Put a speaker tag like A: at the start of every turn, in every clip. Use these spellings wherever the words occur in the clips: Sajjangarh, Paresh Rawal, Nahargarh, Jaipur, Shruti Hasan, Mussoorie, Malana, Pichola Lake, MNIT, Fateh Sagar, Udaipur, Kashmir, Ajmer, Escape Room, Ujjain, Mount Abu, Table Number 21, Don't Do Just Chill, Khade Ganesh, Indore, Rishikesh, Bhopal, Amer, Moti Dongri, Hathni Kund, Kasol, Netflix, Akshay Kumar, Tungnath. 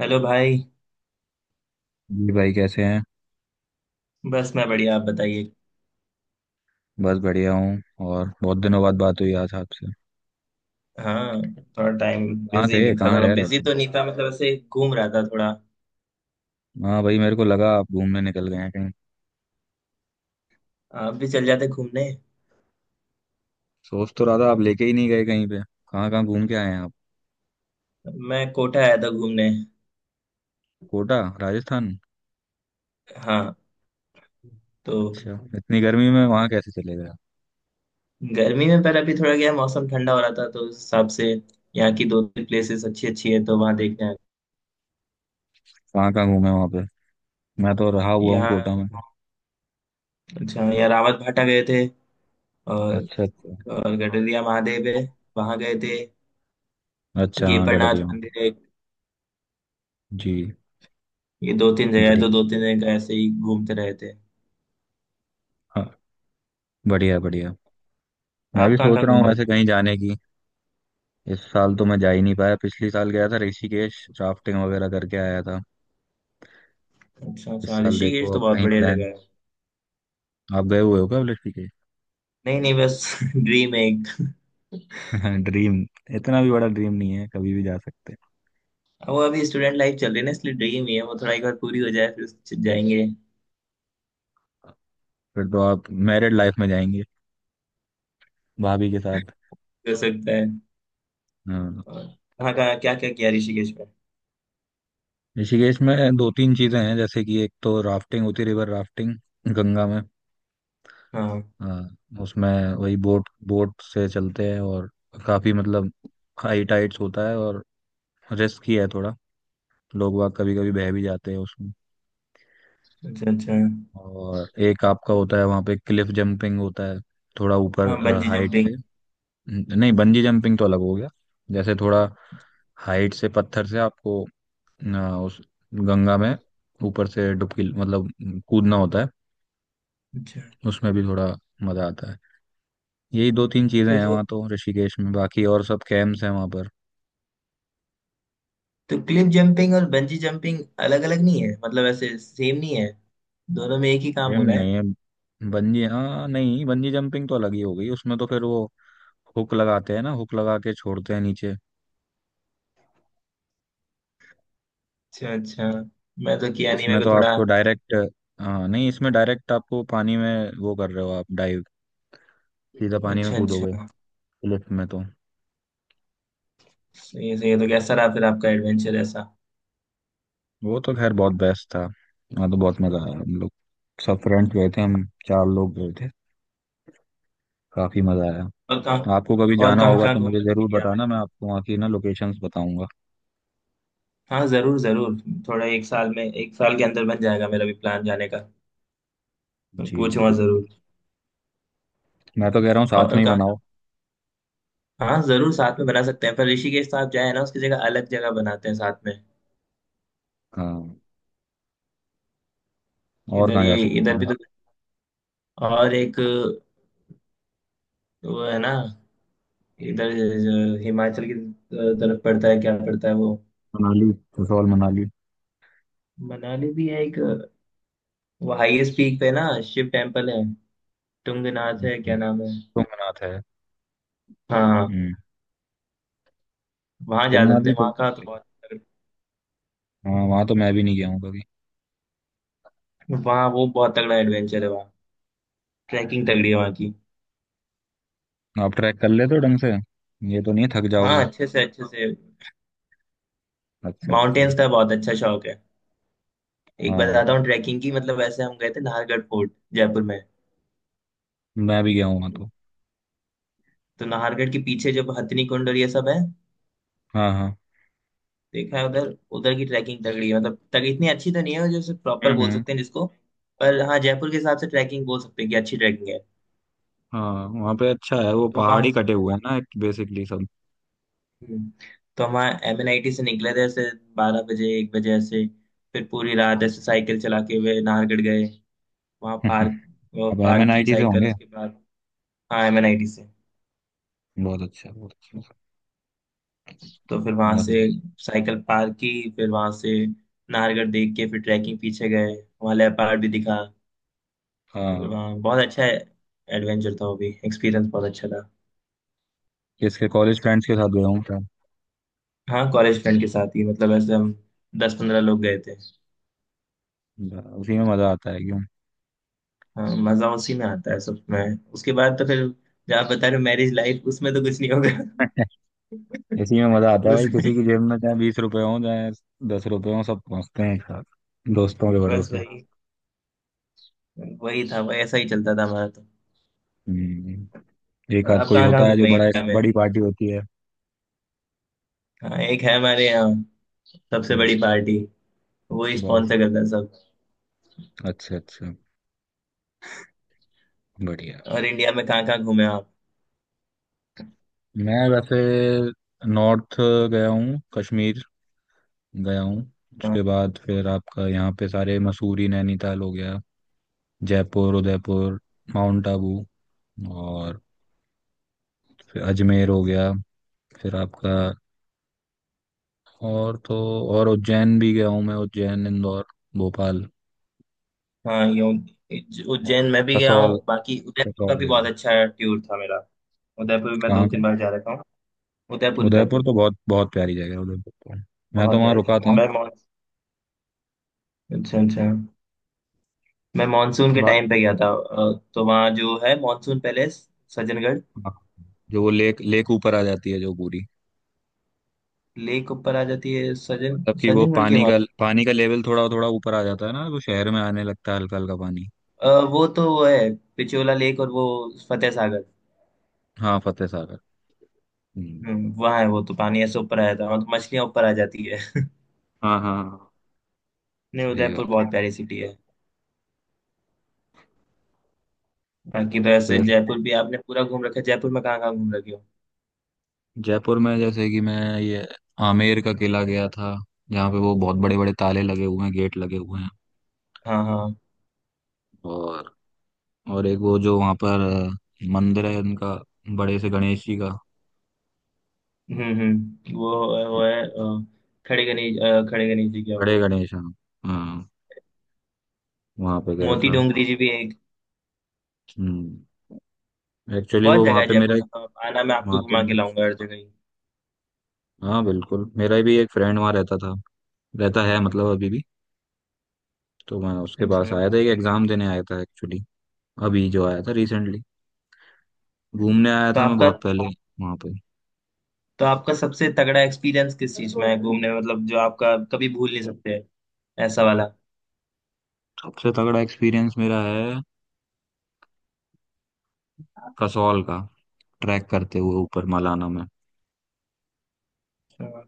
A: Hello भाई।
B: जी भाई कैसे हैं।
A: बस मैं बढ़िया, आप बताइए।
B: बस बढ़िया हूँ। और बहुत दिनों बाद बात हुई आज आपसे।
A: हाँ, थोड़ा टाइम
B: कहाँ
A: बिजी
B: थे?
A: नहीं था,
B: कहाँ
A: थोड़ा
B: रह रहे
A: बिजी
B: थे?
A: तो नहीं था, मतलब ऐसे घूम रहा था थोड़ा।
B: हाँ भाई, मेरे को लगा आप घूमने निकल गए हैं कहीं।
A: आप भी चल जाते घूमने।
B: सोच तो रहा था, आप लेके ही नहीं गए कहीं पे। कहाँ कहाँ घूम के आए हैं आप?
A: मैं कोटा आया था घूमने।
B: कोटा राजस्थान?
A: हाँ। तो
B: अच्छा। इतनी गर्मी में वहाँ कैसे चले गए आप?
A: गर्मी में, पर अभी थोड़ा गया मौसम ठंडा हो रहा था तो उस हिसाब से यहाँ की दो तीन प्लेसेस अच्छी अच्छी है तो वहाँ देखने आए।
B: कहाँ कहाँ घूमे वहाँ पे? मैं तो रहा हुआ हूँ
A: यहाँ।
B: कोटा में।
A: अच्छा, यहाँ रावत भाटा गए थे। और
B: अच्छा अच्छा।
A: और गडरिया महादेव है, वहाँ गए थे।
B: अच्छा हाँ
A: गेपरनाथ
B: गडरिया में।
A: मंदिर है।
B: जी।
A: ये दो तीन जगह है तो
B: बढ़िया।
A: दो तीन जगह ऐसे ही घूमते रहे थे।
B: हाँ। बढ़िया बढ़िया। मैं
A: आप
B: भी
A: कहाँ
B: सोच
A: कहाँ
B: रहा हूँ
A: घूमे।
B: वैसे कहीं जाने की। इस साल तो मैं जा ही नहीं पाया, पिछले साल गया था ऋषिकेश, राफ्टिंग वगैरह करके आया था।
A: अच्छा
B: इस
A: अच्छा,
B: साल
A: ऋषिकेश
B: देखो
A: तो
B: आप
A: बहुत
B: कहीं
A: बढ़िया जगह
B: प्लान।
A: है।
B: आप गए हुए हो क्या लड़की के?
A: नहीं नहीं, बस ड्रीम है एक।
B: ड्रीम। इतना भी बड़ा ड्रीम नहीं है, कभी भी जा सकते हैं।
A: अब वो अभी स्टूडेंट लाइफ चल रही है ना, इसलिए ड्रीम ही है वो, थोड़ा एक बार पूरी हो जाए फिर जाएंगे।
B: फिर तो आप मैरिड लाइफ में जाएंगे, भाभी के साथ।
A: हो सकता है।
B: हाँ।
A: और कहाँ कहाँ क्या क्या किया ऋषिकेश में।
B: ऋषिकेश में दो तीन चीजें हैं, जैसे कि एक तो राफ्टिंग होती है, रिवर राफ्टिंग। गंगा में।
A: हाँ।
B: हाँ उसमें। वही बोट बोट से चलते हैं। और काफी मतलब हाई टाइड्स होता है। और रिस्क ही है थोड़ा। लोग वाग कभी कभी बह भी जाते हैं उसमें।
A: अच्छा अच्छा।
B: और एक आपका होता है, वहाँ पे क्लिफ जंपिंग होता है। थोड़ा ऊपर
A: हाँ बंजी
B: हाइट
A: जंपिंग।
B: से। नहीं, बंजी जंपिंग तो अलग हो गया। जैसे थोड़ा हाइट से पत्थर से आपको उस गंगा में ऊपर से डुबकी मतलब कूदना होता है।
A: अच्छा।
B: उसमें भी थोड़ा मजा आता है। यही दो तीन चीजें
A: तो
B: हैं
A: तो,
B: वहाँ तो ऋषिकेश में, बाकी और सब कैंप्स हैं वहाँ पर।
A: तो क्लिफ जंपिंग और बंजी जंपिंग अलग अलग नहीं है, मतलब ऐसे सेम नहीं है, दोनों में एक ही काम हो
B: कैंप
A: रहा
B: नहीं
A: है।
B: है, बंजी। हाँ नहीं, बंजी जंपिंग तो अलग ही हो गई। उसमें तो फिर वो हुक लगाते हैं ना, हुक लगा के छोड़ते हैं नीचे।
A: अच्छा अच्छा, मैं तो किया नहीं,
B: इसमें
A: मेरे
B: तो
A: को थोड़ा।
B: आपको डायरेक्ट। हाँ नहीं, इसमें डायरेक्ट आपको पानी में वो कर रहे हो आप, डाइव, सीधा पानी में
A: अच्छा अच्छा।
B: कूदोगे। क्लिफ में तो।
A: सही है सही है, तो कैसा रहा फिर आपका एडवेंचर ऐसा।
B: वो तो खैर बहुत बेस्ट था। हाँ तो बहुत मजा आया। हम लोग सब फ्रेंड्स गए थे। हम चार लोग गए थे। काफी मजा आया।
A: और कहाँ।
B: आपको कभी
A: और
B: जाना
A: कहाँ
B: होगा
A: कहाँ
B: तो
A: घूम
B: मुझे
A: रहे
B: जरूर
A: इंडिया में।
B: बताना, मैं आपको वहाँ की ना लोकेशंस बताऊंगा।
A: हाँ जरूर जरूर, थोड़ा एक साल में, एक साल के अंदर बन जाएगा मेरा भी प्लान जाने का। मैं
B: जी जी
A: पूछूंगा
B: बिल्कुल।
A: जरूर।
B: मैं तो कह रहा हूँ साथ
A: और
B: में ही
A: कहाँ
B: बनाओ।
A: कहाँ। हाँ जरूर साथ में बना सकते हैं, पर ऋषिकेश तो आप जाए ना, उसकी जगह अलग जगह बनाते हैं साथ में।
B: हाँ। और
A: इधर
B: कहाँ जा
A: ये
B: सकते
A: इधर भी
B: हैं?
A: तो। और एक वो है ना, इधर जो हिमाचल की तरफ पड़ता है क्या पड़ता है वो।
B: मनाली। कसौल, मनाली।
A: मनाली भी है एक। वो हाईएस्ट पीक पे ना शिव टेम्पल है। टुंगनाथ है क्या नाम है।
B: तुंगनाथ है।
A: हाँ हाँ।
B: हम्म।
A: वहाँ जा
B: तुंगनाथ
A: सकते
B: भी
A: हैं,
B: चल
A: वहाँ का तो
B: सकते हैं।
A: बहुत।
B: हाँ वहाँ तो मैं भी नहीं गया हूँ कभी।
A: वहाँ वो बहुत तगड़ा एडवेंचर है वहाँ। ट्रैकिंग तगड़ी है वहाँ की।
B: आप ट्रैक कर लेते हो ढंग से? ये तो नहीं थक
A: हाँ
B: जाओगे?
A: अच्छे से अच्छे से।
B: अच्छा अच्छा।
A: माउंटेन्स का बहुत अच्छा शौक है। एक बताता
B: हाँ।
A: हूँ ट्रैकिंग की, मतलब वैसे हम गए थे नाहरगढ़ फोर्ट जयपुर में।
B: मैं भी गया हूँ वहाँ तो।
A: तो नाहरगढ़ के पीछे जब हथिनी कुंड और ये सब है,
B: हाँ हाँ।
A: देखा है उधर। उधर की ट्रैकिंग तगड़ी है, मतलब तक इतनी अच्छी तो नहीं है जैसे प्रॉपर
B: हम्म।
A: बोल सकते हैं जिसको, पर हाँ जयपुर के हिसाब से ट्रैकिंग बोल सकते हैं कि अच्छी ट्रैकिंग है।
B: हाँ वहाँ पे अच्छा है, वो
A: तो
B: पहाड़
A: वहाँ
B: ही कटे हुए हैं ना बेसिकली सब।
A: हम्म, तो हम एम एन आई टी से निकले थे ऐसे, 12 बजे 1 बजे ऐसे। फिर पूरी रात ऐसे साइकिल चला के हुए नाहरगढ़ गए। वहाँ
B: हाँ।
A: पार्क, वो
B: अब एम
A: पार्क
B: एन आई
A: की
B: टी से
A: साइकिल
B: होंगे।
A: उसके बाद। हाँ, एम एन आई टी से।
B: बहुत अच्छा बहुत अच्छा।
A: तो फिर वहाँ
B: और
A: से
B: बताइए।
A: साइकिल पार्क की, फिर वहाँ से नाहरगढ़ देख के फिर ट्रैकिंग पीछे गए। वहाँ लेपर्ड भी दिखा। फिर
B: हाँ।
A: वहाँ बहुत अच्छा एडवेंचर था, वो भी एक्सपीरियंस बहुत अच्छा था।
B: किसके कॉलेज फ्रेंड्स के साथ गया हूँ क्या?
A: हाँ कॉलेज फ्रेंड के साथ ही, मतलब ऐसे हम दस पंद्रह लोग गए थे।
B: उसी में मजा आता है क्यों?
A: हाँ मजा उसी में आता है, सब में। उसके बाद तो फिर, जहाँ बता रहे हो मैरिज लाइफ, उसमें तो कुछ नहीं होगा।
B: इसी में मजा आता है
A: उस,
B: भाई। किसी की जेब में चाहे 20 रुपए हो, चाहे 10 रुपए हो, सब पहुंचते हैं एक साथ दोस्तों के
A: बस
B: भरोसे।
A: वही, वही था वही, ऐसा ही चलता था हमारा तो।
B: हम्म, एक
A: और
B: आध
A: आप
B: कोई
A: कहाँ कहाँ
B: होता है जो
A: घूमे
B: बड़ा।
A: हैं?
B: बड़ी पार्टी होती है।
A: हाँ एक है हमारे यहाँ, सबसे बड़ी
B: हम्म,
A: पार्टी, वो ही
B: बस।
A: स्पॉन्सर करता है सब।
B: अच्छा अच्छा। बढ़िया।
A: और इंडिया में कहाँ कहाँ घूमे आप।
B: मैं वैसे नॉर्थ गया हूँ। कश्मीर गया हूँ।
A: हाँ,
B: उसके बाद फिर आपका यहाँ पे सारे मसूरी नैनीताल हो गया, जयपुर उदयपुर, माउंट आबू, और फिर अजमेर हो गया। फिर आपका। और तो और, उज्जैन भी गया हूँ मैं, उज्जैन इंदौर भोपाल।
A: हाँ, यो,
B: और
A: उज्जैन मैं भी गया
B: कसौल,
A: हूँ, बाकी उदयपुर का
B: कसौल
A: भी
B: गया
A: बहुत
B: हूँ।
A: अच्छा टूर था मेरा। उदयपुर भी मैं दो
B: कहाँ
A: तीन
B: का?
A: बार जा रखा हूँ। उदयपुर
B: उदयपुर
A: उदयपुर।
B: तो बहुत बहुत प्यारी जगह है, उदयपुर तो मैं तो
A: बहुत गया
B: वहाँ
A: है।
B: रुका था।
A: मैं मॉन अच्छा अच्छा, मैं मानसून के
B: बा-
A: टाइम पे गया था, तो वहाँ जो है मानसून पैलेस, सज्जनगढ़।
B: जो वो लेक लेक ऊपर आ जाती है जो पूरी।
A: लेक ऊपर आ जाती है,
B: मतलब कि वो
A: सज्जनगढ़ के
B: पानी
A: वहाँ
B: का
A: तो।
B: पानी का लेवल थोड़ा थोड़ा ऊपर आ जाता है ना, तो शहर में आने लगता है हल्का हल्का पानी।
A: वो तो वो है पिछोला लेक और वो फतेह सागर।
B: हाँ फतेह सागर। हम्म।
A: वहाँ है वो तो पानी ऐसे ऊपर आ जाता है, वहाँ तो मछलियाँ ऊपर आ जाती है।
B: हाँ हाँ।
A: नहीं
B: सही
A: उदयपुर
B: बात है
A: बहुत
B: हाँ।
A: प्यारी सिटी है। बाकी तो ऐसे
B: फिर
A: जयपुर भी आपने पूरा घूम रखा है, जयपुर में कहाँ कहाँ घूम रखे हो।
B: जयपुर में जैसे कि मैं ये आमेर का किला गया था, जहाँ पे वो बहुत बड़े बड़े ताले लगे हुए हैं, गेट लगे हुए हैं।
A: हाँ हाँ।
B: और और एक वो जो वहाँ पर मंदिर है उनका, बड़े से गणेश जी का।
A: हम्म। वो है अ, खड़े गणेश, खड़े गणेश जी क्या
B: बड़े
A: वो।
B: गणेश हाँ। हाँ वहाँ पे गया
A: मोती
B: था।
A: डोंगरी जी भी एक,
B: हम्म एक्चुअली
A: बहुत
B: वो
A: जगह
B: वहाँ
A: है
B: पे
A: जयपुर
B: मेरा एक,
A: में, तो आना मैं आपको
B: वहाँ तो,
A: घुमा के लाऊंगा हर जगह ही।
B: हाँ बिल्कुल, मेरा भी एक फ्रेंड वहाँ रहता था, रहता है मतलब अभी भी। तो मैं उसके पास
A: अच्छा।
B: आया था, एक एग्जाम देने आया था एक्चुअली। अभी जो आया था रिसेंटली। घूमने आया
A: तो
B: था मैं
A: आपका
B: बहुत पहले वहां पे।
A: तो आपका सबसे तगड़ा एक्सपीरियंस किस चीज में है घूमने में? मतलब जो आपका कभी भूल नहीं सकते ऐसा वाला।
B: सबसे तगड़ा एक्सपीरियंस मेरा है
A: अच्छा।
B: कसौल का, ट्रैक करते हुए ऊपर मलाना में।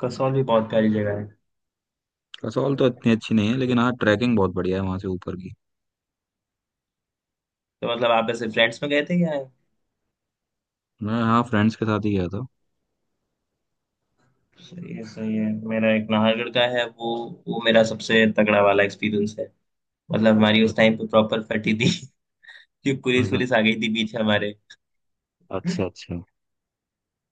A: कसौल भी बहुत प्यारी जगह
B: कसौल तो
A: है।
B: इतनी अच्छी नहीं है, लेकिन हाँ ट्रैकिंग बहुत बढ़िया है वहां से ऊपर की।
A: तो मतलब आप ऐसे फ्रेंड्स में गए थे या।
B: मैं हाँ फ्रेंड्स के साथ ही गया था।
A: सही है सही है। मेरा एक नाहरगढ़ का है वो मेरा सबसे तगड़ा वाला एक्सपीरियंस है। मतलब हमारी उस
B: अच्छा।
A: टाइम पे प्रॉपर फटी थी। कि पुलिस
B: हम्म।
A: पुलिस आ गई थी बीच हमारे।
B: अच्छा अच्छा।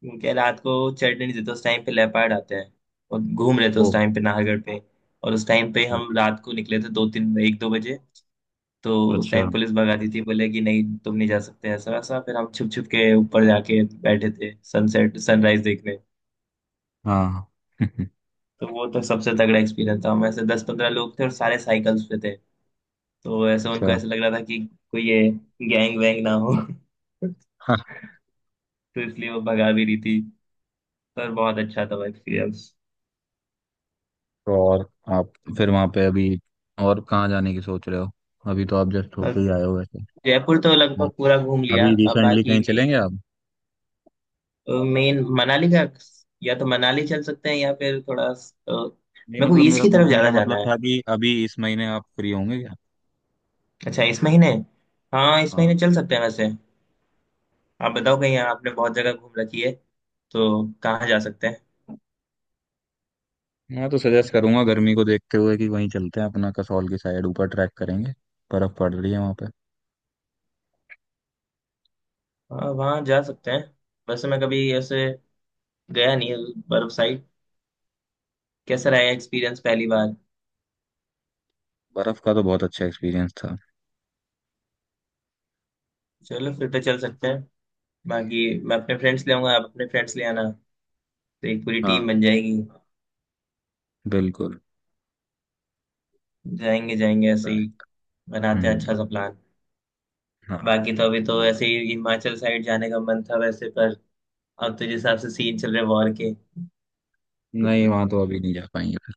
A: क्योंकि रात को चढ़ने नहीं देते, उस टाइम पे लेपर्ड आते हैं, और घूम रहे थे
B: ओ।
A: उस टाइम पे नाहरगढ़ पे। और उस टाइम पे
B: ओ।
A: हम रात को निकले थे, दो तीन एक दो बजे। तो उस
B: अच्छा।
A: टाइम पुलिस भगाती थी, बोले कि नहीं तुम नहीं जा सकते ऐसा वैसा, फिर हम छुप छुप के ऊपर जाके बैठे थे सनसेट सनराइज देखने।
B: हाँ।
A: तो वो तो सबसे तगड़ा एक्सपीरियंस था, हम ऐसे दस पंद्रह लोग थे और सारे साइकिल्स पे थे। तो ऐसे उनको
B: अच्छा
A: ऐसे लग रहा था कि कोई ये गैंग वैंग ना हो।
B: हाँ।
A: तो इसलिए वो भगा भी रही थी, पर बहुत अच्छा था वो एक्सपीरियंस।
B: तो और आप फिर वहां पे अभी और कहाँ जाने की सोच रहे हो? अभी तो आप जस्ट होके
A: अब
B: ही आए हो वैसे।
A: जयपुर तो
B: नहीं,
A: लगभग पूरा घूम लिया,
B: अभी
A: अब
B: रिसेंटली
A: बाकी
B: कहीं
A: मेन
B: चलेंगे आप?
A: मेन मनाली का, या तो मनाली चल सकते हैं या फिर थोड़ा,
B: नहीं
A: मेरे को
B: मतलब,
A: ईस्ट
B: मेरा
A: की तरफ
B: पूछने का
A: ज्यादा जाना
B: मतलब
A: है।
B: था कि अभी इस महीने आप फ्री होंगे?
A: अच्छा इस महीने, हाँ इस
B: हाँ।
A: महीने चल सकते हैं वैसे। आप बताओ, कहीं आपने बहुत जगह घूम रखी है तो, कहाँ जा सकते हैं।
B: मैं तो सजेस्ट करूंगा, गर्मी को देखते हुए कि वहीं चलते हैं अपना, कसौल की साइड, ऊपर ट्रैक करेंगे, बर्फ पड़ रही है वहां पे।
A: हाँ वहाँ जा सकते हैं, वैसे मैं कभी ऐसे गया नहीं है बर्फ साइड। कैसा रहा एक्सपीरियंस पहली बार।
B: बर्फ का तो बहुत अच्छा एक्सपीरियंस था।
A: चलो फिर तो चल सकते हैं, बाकी मैं अपने फ्रेंड्स ले आऊंगा, आप अपने फ्रेंड्स ले आना, तो एक पूरी
B: हाँ
A: टीम बन जाएगी।
B: बिल्कुल।
A: जाएंगे जाएंगे ऐसे
B: पता है।
A: ही, बनाते हैं
B: हम्म।
A: अच्छा सा प्लान।
B: हाँ।
A: बाकी तो अभी तो ऐसे ही हिमाचल साइड जाने का मन था वैसे, पर अब तो जिस हिसाब से सीन चल रहे वॉर के।
B: नहीं वहां तो अभी नहीं जा पाएंगे फिर,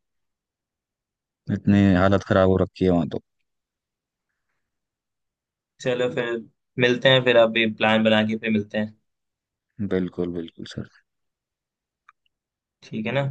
B: इतनी हालत खराब हो रखी है वहां तो।
A: चलो फिर, मिलते हैं फिर, आप भी प्लान बना के फिर मिलते हैं।
B: बिल्कुल बिल्कुल सर।
A: ठीक है ना।